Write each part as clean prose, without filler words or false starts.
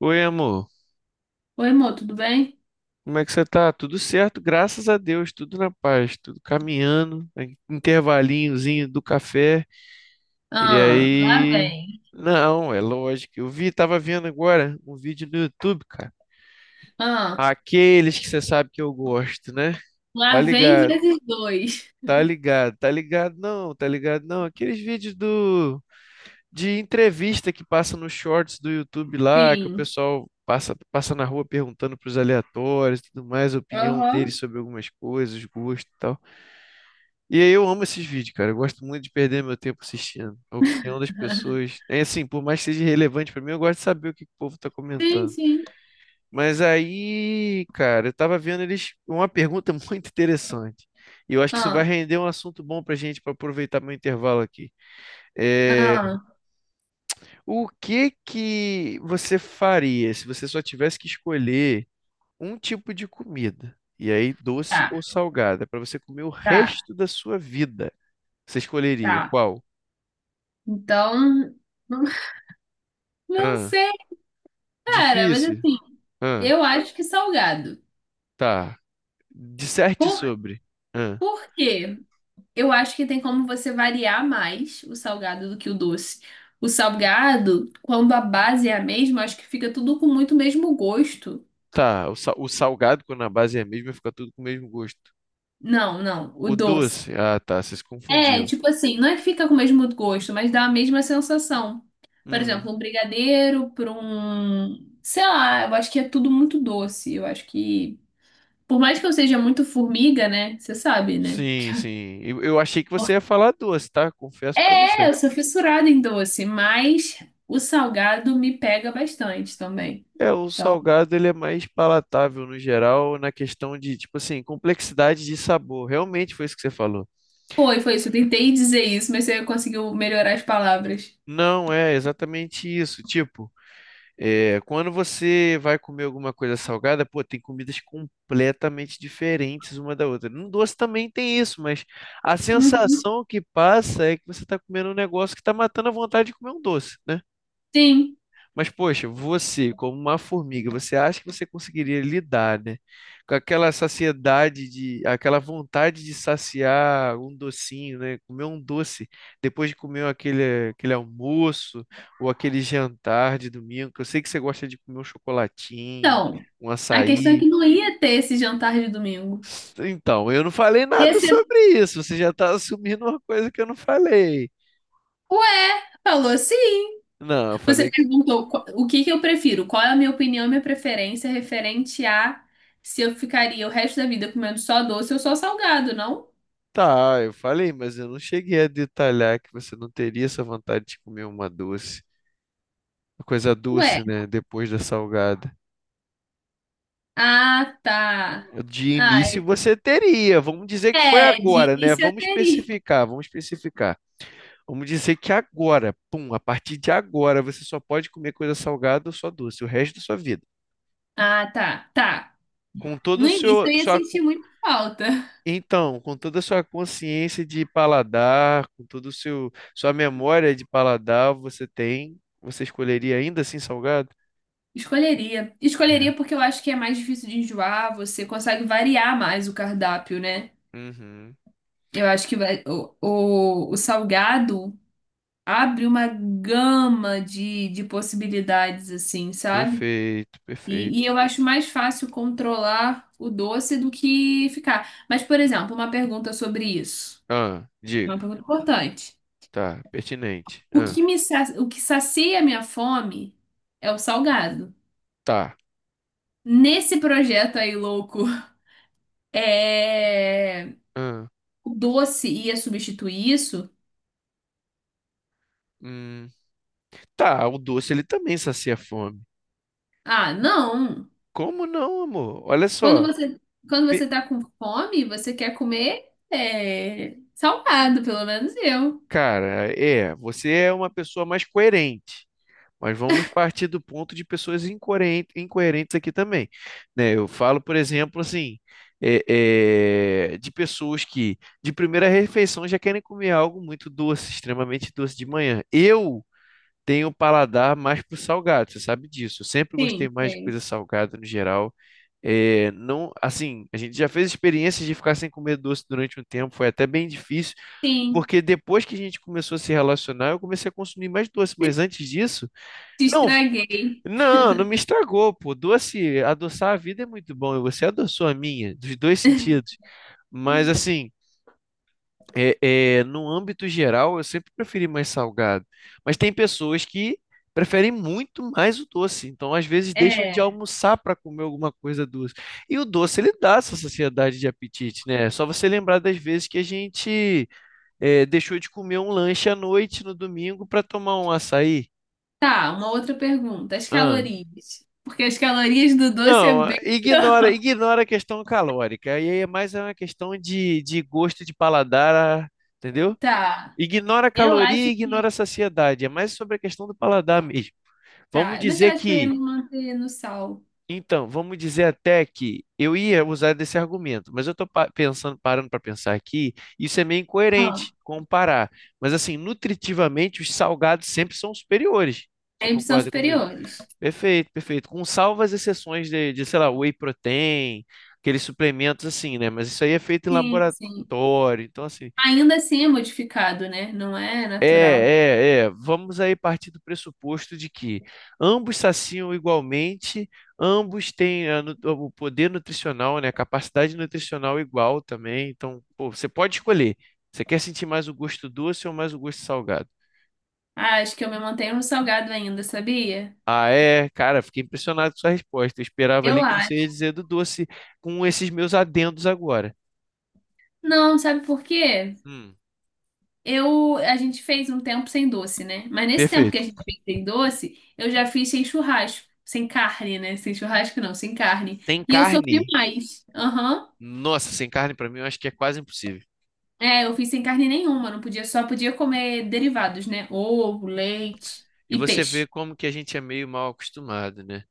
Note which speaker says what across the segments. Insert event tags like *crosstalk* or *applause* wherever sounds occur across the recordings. Speaker 1: Oi, amor.
Speaker 2: Oi, amor, tudo bem?
Speaker 1: Como é que você tá? Tudo certo, graças a Deus, tudo na paz, tudo caminhando, né, intervalinhozinho do café. E
Speaker 2: Ah, lá
Speaker 1: aí,
Speaker 2: vem.
Speaker 1: não, é lógico. Eu vi, tava vendo agora um vídeo no YouTube, cara.
Speaker 2: Ah,
Speaker 1: Aqueles que você sabe que eu gosto, né? Tá
Speaker 2: lá vem
Speaker 1: ligado,
Speaker 2: vezes dois.
Speaker 1: tá ligado, tá ligado, não, tá ligado, não. Aqueles vídeos do de entrevista que passa nos shorts do YouTube lá, que o
Speaker 2: Sim.
Speaker 1: pessoal passa, passa na rua perguntando pros aleatórios e tudo mais, a opinião
Speaker 2: Aham.
Speaker 1: deles sobre algumas coisas, gosto e tal. E aí eu amo esses vídeos, cara. Eu gosto muito de perder meu tempo assistindo a opinião das
Speaker 2: *laughs*
Speaker 1: pessoas. É assim, por mais que seja relevante pra mim, eu gosto de saber o que que o povo tá
Speaker 2: Sim,
Speaker 1: comentando.
Speaker 2: sim.
Speaker 1: Mas aí, cara, eu tava vendo eles uma pergunta *laughs* muito interessante. E eu acho que isso vai
Speaker 2: Ah,
Speaker 1: render um assunto bom pra gente para aproveitar meu intervalo aqui. É,
Speaker 2: ah,
Speaker 1: o que que você faria se você só tivesse que escolher um tipo de comida? E aí, doce
Speaker 2: tá,
Speaker 1: ou salgada, para você comer o
Speaker 2: tá,
Speaker 1: resto da sua vida? Você escolheria
Speaker 2: tá.
Speaker 1: qual?
Speaker 2: Então, *laughs* não, não
Speaker 1: Ah,
Speaker 2: sei, cara, mas
Speaker 1: difícil?
Speaker 2: assim,
Speaker 1: Ah,
Speaker 2: eu acho que salgado.
Speaker 1: tá. Disserte
Speaker 2: Por,
Speaker 1: sobre. Ah,
Speaker 2: por quê? Eu acho que tem como você variar mais o salgado do que o doce. O salgado, quando a base é a mesma, acho que fica tudo com muito mesmo gosto.
Speaker 1: tá. O, o salgado, quando a base é a mesma, fica tudo com o mesmo gosto.
Speaker 2: Não, não, o
Speaker 1: O
Speaker 2: doce.
Speaker 1: doce? Ah, tá. Você se
Speaker 2: É,
Speaker 1: confundiu.
Speaker 2: tipo assim, não é que fica com o mesmo gosto, mas dá a mesma sensação. Por
Speaker 1: Hum.
Speaker 2: exemplo, um brigadeiro para um, sei lá, eu acho que é tudo muito doce. Eu acho que, por mais que eu seja muito formiga, né? Você sabe, né?
Speaker 1: Sim, sim. Eu achei que você ia falar doce, tá? Confesso para você.
Speaker 2: É, eu sou fissurada em doce, mas o salgado me pega bastante também.
Speaker 1: É, o
Speaker 2: Então,
Speaker 1: salgado ele é mais palatável no geral, na questão de, tipo assim, complexidade de sabor. Realmente foi isso que você falou.
Speaker 2: foi isso. Eu tentei dizer isso, mas você conseguiu melhorar as palavras.
Speaker 1: Não é exatamente isso. Tipo, é, quando você vai comer alguma coisa salgada, pô, tem comidas completamente diferentes uma da outra. No doce também tem isso, mas a
Speaker 2: Uhum.
Speaker 1: sensação que passa é que você está comendo um negócio que está matando a vontade de comer um doce, né?
Speaker 2: Sim.
Speaker 1: Mas, poxa, você, como uma formiga, você acha que você conseguiria lidar, né? Com aquela saciedade de, aquela vontade de saciar um docinho, né? Comer um doce depois de comer aquele almoço ou aquele jantar de domingo, que eu sei que você gosta de comer um chocolatinho,
Speaker 2: Então,
Speaker 1: um
Speaker 2: a questão é
Speaker 1: açaí.
Speaker 2: que não ia ter esse jantar de domingo.
Speaker 1: Então, eu não falei
Speaker 2: E
Speaker 1: nada
Speaker 2: assim,
Speaker 1: sobre isso. Você já está assumindo uma coisa que eu não falei.
Speaker 2: ué, falou sim.
Speaker 1: Não, eu
Speaker 2: Você
Speaker 1: falei.
Speaker 2: perguntou o que que eu prefiro, qual é a minha opinião, minha preferência referente a se eu ficaria o resto da vida comendo só doce ou só salgado, não?
Speaker 1: Tá, eu falei, mas eu não cheguei a detalhar que você não teria essa vontade de comer uma doce, uma coisa
Speaker 2: Ué,
Speaker 1: doce, né? Depois da salgada.
Speaker 2: ah, tá.
Speaker 1: De início
Speaker 2: Ah,
Speaker 1: você teria, vamos dizer que foi
Speaker 2: é, de
Speaker 1: agora, né?
Speaker 2: início eu
Speaker 1: Vamos
Speaker 2: teria.
Speaker 1: especificar, vamos especificar. Vamos dizer que agora, pum, a partir de agora você só pode comer coisa salgada ou só doce, o resto da sua vida.
Speaker 2: Ah, tá, tá.
Speaker 1: Com todo
Speaker 2: No
Speaker 1: o
Speaker 2: início
Speaker 1: seu,
Speaker 2: eu ia
Speaker 1: sua,
Speaker 2: sentir muita falta.
Speaker 1: então, com toda a sua consciência de paladar, com todo o seu sua memória de paladar, você tem, você escolheria ainda assim salgado?
Speaker 2: Escolheria. Escolheria
Speaker 1: É.
Speaker 2: porque eu acho que é mais difícil de enjoar, você consegue variar mais o cardápio, né?
Speaker 1: Uhum.
Speaker 2: Eu acho que o salgado abre uma gama de possibilidades, assim, sabe?
Speaker 1: Perfeito,
Speaker 2: E
Speaker 1: perfeito.
Speaker 2: eu acho mais fácil controlar o doce do que ficar. Mas, por exemplo, uma pergunta sobre isso.
Speaker 1: Ah,
Speaker 2: Uma
Speaker 1: diga.
Speaker 2: pergunta importante.
Speaker 1: Tá, pertinente.
Speaker 2: O
Speaker 1: Ah,
Speaker 2: que me, sa- o que sacia a minha fome é o salgado.
Speaker 1: tá.
Speaker 2: Nesse projeto aí louco, *laughs* é...
Speaker 1: Ah,
Speaker 2: o doce ia substituir isso?
Speaker 1: hum. Tá, o doce ele também sacia a fome.
Speaker 2: Ah, não.
Speaker 1: Como não, amor? Olha
Speaker 2: Quando
Speaker 1: só.
Speaker 2: você, quando você
Speaker 1: Pe-
Speaker 2: tá com fome, você quer comer é, salgado, pelo menos eu.
Speaker 1: Cara, é, você é uma pessoa mais coerente. Mas vamos partir do ponto de pessoas incoerentes aqui também, né? Eu falo, por exemplo, assim, de pessoas que de primeira refeição já querem comer algo muito doce, extremamente doce de manhã. Eu tenho um paladar mais pro salgado, você sabe disso. Eu sempre gostei
Speaker 2: Sim,
Speaker 1: mais de
Speaker 2: sim.
Speaker 1: coisa salgada no geral. É, não, assim, a gente já fez experiências de ficar sem comer doce durante um tempo, foi até bem difícil,
Speaker 2: Sim,
Speaker 1: porque depois que a gente começou a se relacionar, eu comecei a consumir mais doce, mas antes disso,
Speaker 2: te
Speaker 1: não,
Speaker 2: estraguei.
Speaker 1: não, não me estragou, pô. Doce, adoçar a vida é muito bom. E você adoçou a minha, dos dois
Speaker 2: *laughs*
Speaker 1: sentidos. Mas assim, é, no âmbito geral, eu sempre preferi mais salgado. Mas tem pessoas que preferem muito mais o doce. Então, às vezes, deixam de
Speaker 2: É,
Speaker 1: almoçar para comer alguma coisa doce. E o doce, ele dá essa saciedade de apetite, né? É só você lembrar das vezes que a gente é, deixou de comer um lanche à noite no domingo para tomar um açaí.
Speaker 2: tá, uma outra pergunta. As calorias. Porque as calorias do doce é
Speaker 1: Não,
Speaker 2: bem
Speaker 1: ignora,
Speaker 2: pior. *laughs*
Speaker 1: ignora a questão calórica. E aí é mais uma questão de gosto de paladar, entendeu?
Speaker 2: Tá,
Speaker 1: Ignora a
Speaker 2: eu
Speaker 1: caloria,
Speaker 2: acho
Speaker 1: e ignora a
Speaker 2: que.
Speaker 1: saciedade. É mais sobre a questão do paladar mesmo. Vamos
Speaker 2: Tá, mas eu
Speaker 1: dizer
Speaker 2: acho que eu ia
Speaker 1: que,
Speaker 2: me manter no sal.
Speaker 1: então, vamos dizer até que eu ia usar desse argumento, mas eu estou pensando, parando para pensar aqui, isso é meio
Speaker 2: Ah.
Speaker 1: incoerente comparar. Mas assim, nutritivamente, os salgados sempre são superiores. Você
Speaker 2: Sempre são
Speaker 1: concorda comigo?
Speaker 2: superiores.
Speaker 1: Perfeito, perfeito. Com salvas exceções de, sei lá, whey protein, aqueles suplementos assim, né? Mas isso aí é feito em
Speaker 2: Sim, sim.
Speaker 1: laboratório. Então, assim,
Speaker 2: Ainda assim é modificado, né? Não é natural.
Speaker 1: Vamos aí partir do pressuposto de que ambos saciam igualmente, ambos têm o poder nutricional, né? A capacidade nutricional igual também. Então, pô, você pode escolher. Você quer sentir mais o gosto doce ou mais o gosto salgado?
Speaker 2: Ah, acho que eu me mantenho no salgado ainda, sabia?
Speaker 1: Ah, é? Cara, fiquei impressionado com sua resposta. Eu esperava
Speaker 2: Eu
Speaker 1: ali que você
Speaker 2: acho.
Speaker 1: ia dizer do doce com esses meus adendos agora.
Speaker 2: Não, sabe por quê?
Speaker 1: Hum,
Speaker 2: A gente fez um tempo sem doce, né? Mas nesse tempo que
Speaker 1: perfeito.
Speaker 2: a gente fez sem doce, eu já fiz sem churrasco, sem carne, né? Sem churrasco não, sem carne.
Speaker 1: Sem
Speaker 2: E eu
Speaker 1: carne?
Speaker 2: sofri mais. Aham.
Speaker 1: Nossa, sem carne pra mim eu acho que é quase impossível.
Speaker 2: É, eu fiz sem carne nenhuma, não podia, só podia comer derivados, né? Ovo, leite
Speaker 1: E
Speaker 2: e
Speaker 1: você
Speaker 2: peixe.
Speaker 1: vê como que a gente é meio mal acostumado, né?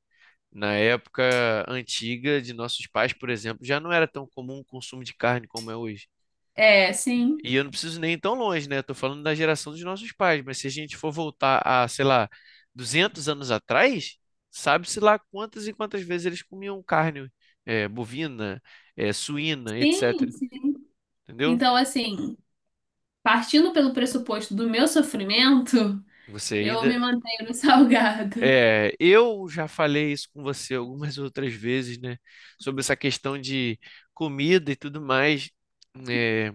Speaker 1: Na época antiga de nossos pais, por exemplo, já não era tão comum o consumo de carne como é hoje.
Speaker 2: É, sim.
Speaker 1: E eu não preciso nem ir tão longe, né? Eu tô falando da geração dos nossos pais, mas se a gente for voltar a, sei lá, 200 anos atrás, sabe-se lá quantas e quantas vezes eles comiam carne, bovina, suína,
Speaker 2: Sim,
Speaker 1: etc.
Speaker 2: sim.
Speaker 1: Entendeu?
Speaker 2: Então, assim, partindo pelo pressuposto do meu sofrimento,
Speaker 1: Você
Speaker 2: eu me
Speaker 1: ainda.
Speaker 2: mantenho no *laughs* salgado.
Speaker 1: É, eu já falei isso com você algumas *laughs* outras vezes, né? Sobre essa questão de comida e tudo mais. É,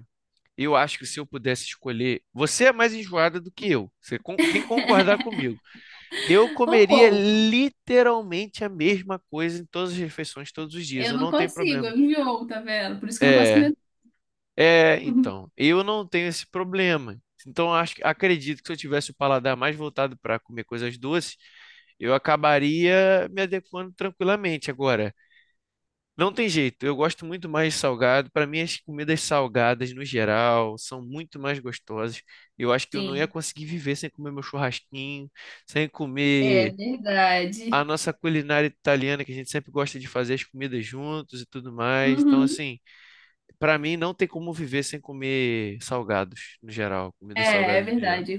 Speaker 1: eu acho que se eu pudesse escolher. Você é mais enjoada do que eu. Tem que concordar comigo. Eu
Speaker 2: Um
Speaker 1: comeria
Speaker 2: pouco.
Speaker 1: literalmente a mesma coisa em todas as refeições, todos os dias.
Speaker 2: Eu
Speaker 1: Eu
Speaker 2: não
Speaker 1: não tenho
Speaker 2: consigo,
Speaker 1: problema.
Speaker 2: eu enjoo, tá vendo? Por isso que eu não posso
Speaker 1: É,
Speaker 2: comer tudo.
Speaker 1: então, eu não tenho esse problema. Então, acredito que se eu tivesse o paladar mais voltado para comer coisas doces, eu acabaria me adequando tranquilamente. Agora, não tem jeito. Eu gosto muito mais de salgado. Para mim, as comidas salgadas, no geral, são muito mais gostosas. Eu acho que eu não ia
Speaker 2: Sim,
Speaker 1: conseguir viver sem comer meu churrasquinho, sem
Speaker 2: é
Speaker 1: comer a
Speaker 2: verdade.
Speaker 1: nossa culinária italiana, que a gente sempre gosta de fazer as comidas juntos e tudo mais. Então,
Speaker 2: Uhum.
Speaker 1: assim, pra mim não tem como viver sem comer salgados, no geral, comidas
Speaker 2: É, é
Speaker 1: salgadas no geral.
Speaker 2: verdade, é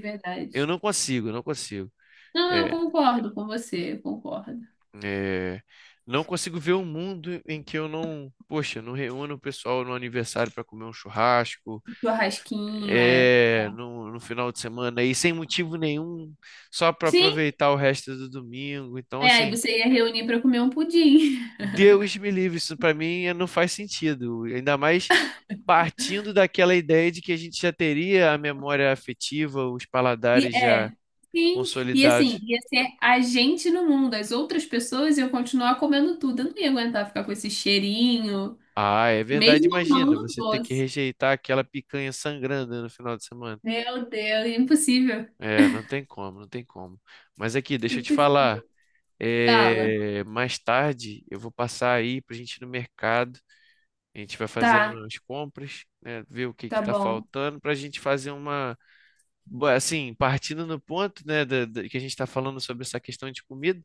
Speaker 1: Eu
Speaker 2: verdade.
Speaker 1: não consigo, não consigo.
Speaker 2: Não, eu
Speaker 1: É,
Speaker 2: concordo com você, eu concordo.
Speaker 1: é, não consigo ver um mundo em que eu não, poxa, não reúno o pessoal no aniversário para comer um churrasco,
Speaker 2: Churrasquinho, é.
Speaker 1: é, no final de semana, e sem motivo nenhum, só para
Speaker 2: Sim,
Speaker 1: aproveitar o resto do domingo. Então,
Speaker 2: é, aí
Speaker 1: assim,
Speaker 2: você ia reunir pra comer um pudim. *laughs*
Speaker 1: Deus me livre, isso para mim não faz sentido. Ainda mais partindo daquela ideia de que a gente já teria a memória afetiva, os
Speaker 2: E
Speaker 1: paladares já
Speaker 2: é, sim. E assim,
Speaker 1: consolidados.
Speaker 2: ia ser a gente no mundo, as outras pessoas iam continuar comendo tudo. Eu não ia aguentar ficar com esse cheirinho,
Speaker 1: Ah, é verdade,
Speaker 2: mesmo
Speaker 1: imagina,
Speaker 2: amando o
Speaker 1: você ter que
Speaker 2: doce.
Speaker 1: rejeitar aquela picanha sangrando no final de semana.
Speaker 2: Meu Deus, é impossível.
Speaker 1: É, não tem como, não tem como. Mas aqui, deixa eu te falar.
Speaker 2: Impossível. Fala.
Speaker 1: É, mais tarde eu vou passar aí pra gente ir no mercado. A gente vai fazer
Speaker 2: Tá.
Speaker 1: as compras, né? Ver o que que
Speaker 2: Tá
Speaker 1: tá
Speaker 2: bom.
Speaker 1: faltando pra gente fazer uma assim, partindo no ponto, né, que a gente está falando sobre essa questão de comida,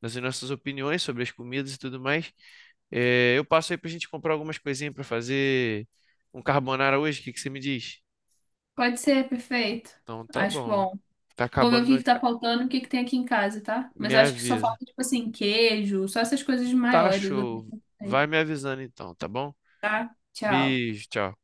Speaker 1: das nossas opiniões sobre as comidas e tudo mais, é, eu passo aí para a gente comprar algumas coisinhas para fazer um carbonara hoje, o que que você me diz?
Speaker 2: Pode ser, perfeito.
Speaker 1: Então, tá
Speaker 2: Acho
Speaker 1: bom.
Speaker 2: bom.
Speaker 1: Tá
Speaker 2: Vou ver
Speaker 1: acabando
Speaker 2: o que
Speaker 1: meu,
Speaker 2: que tá faltando, o que que tem aqui em casa, tá? Mas
Speaker 1: me
Speaker 2: acho que só
Speaker 1: avisa.
Speaker 2: falta, tipo assim, queijo, só essas coisas
Speaker 1: Tá
Speaker 2: maiores. O resto
Speaker 1: show.
Speaker 2: não sei.
Speaker 1: Vai me avisando então, tá bom?
Speaker 2: Tá? Tchau.
Speaker 1: Beijo, tchau.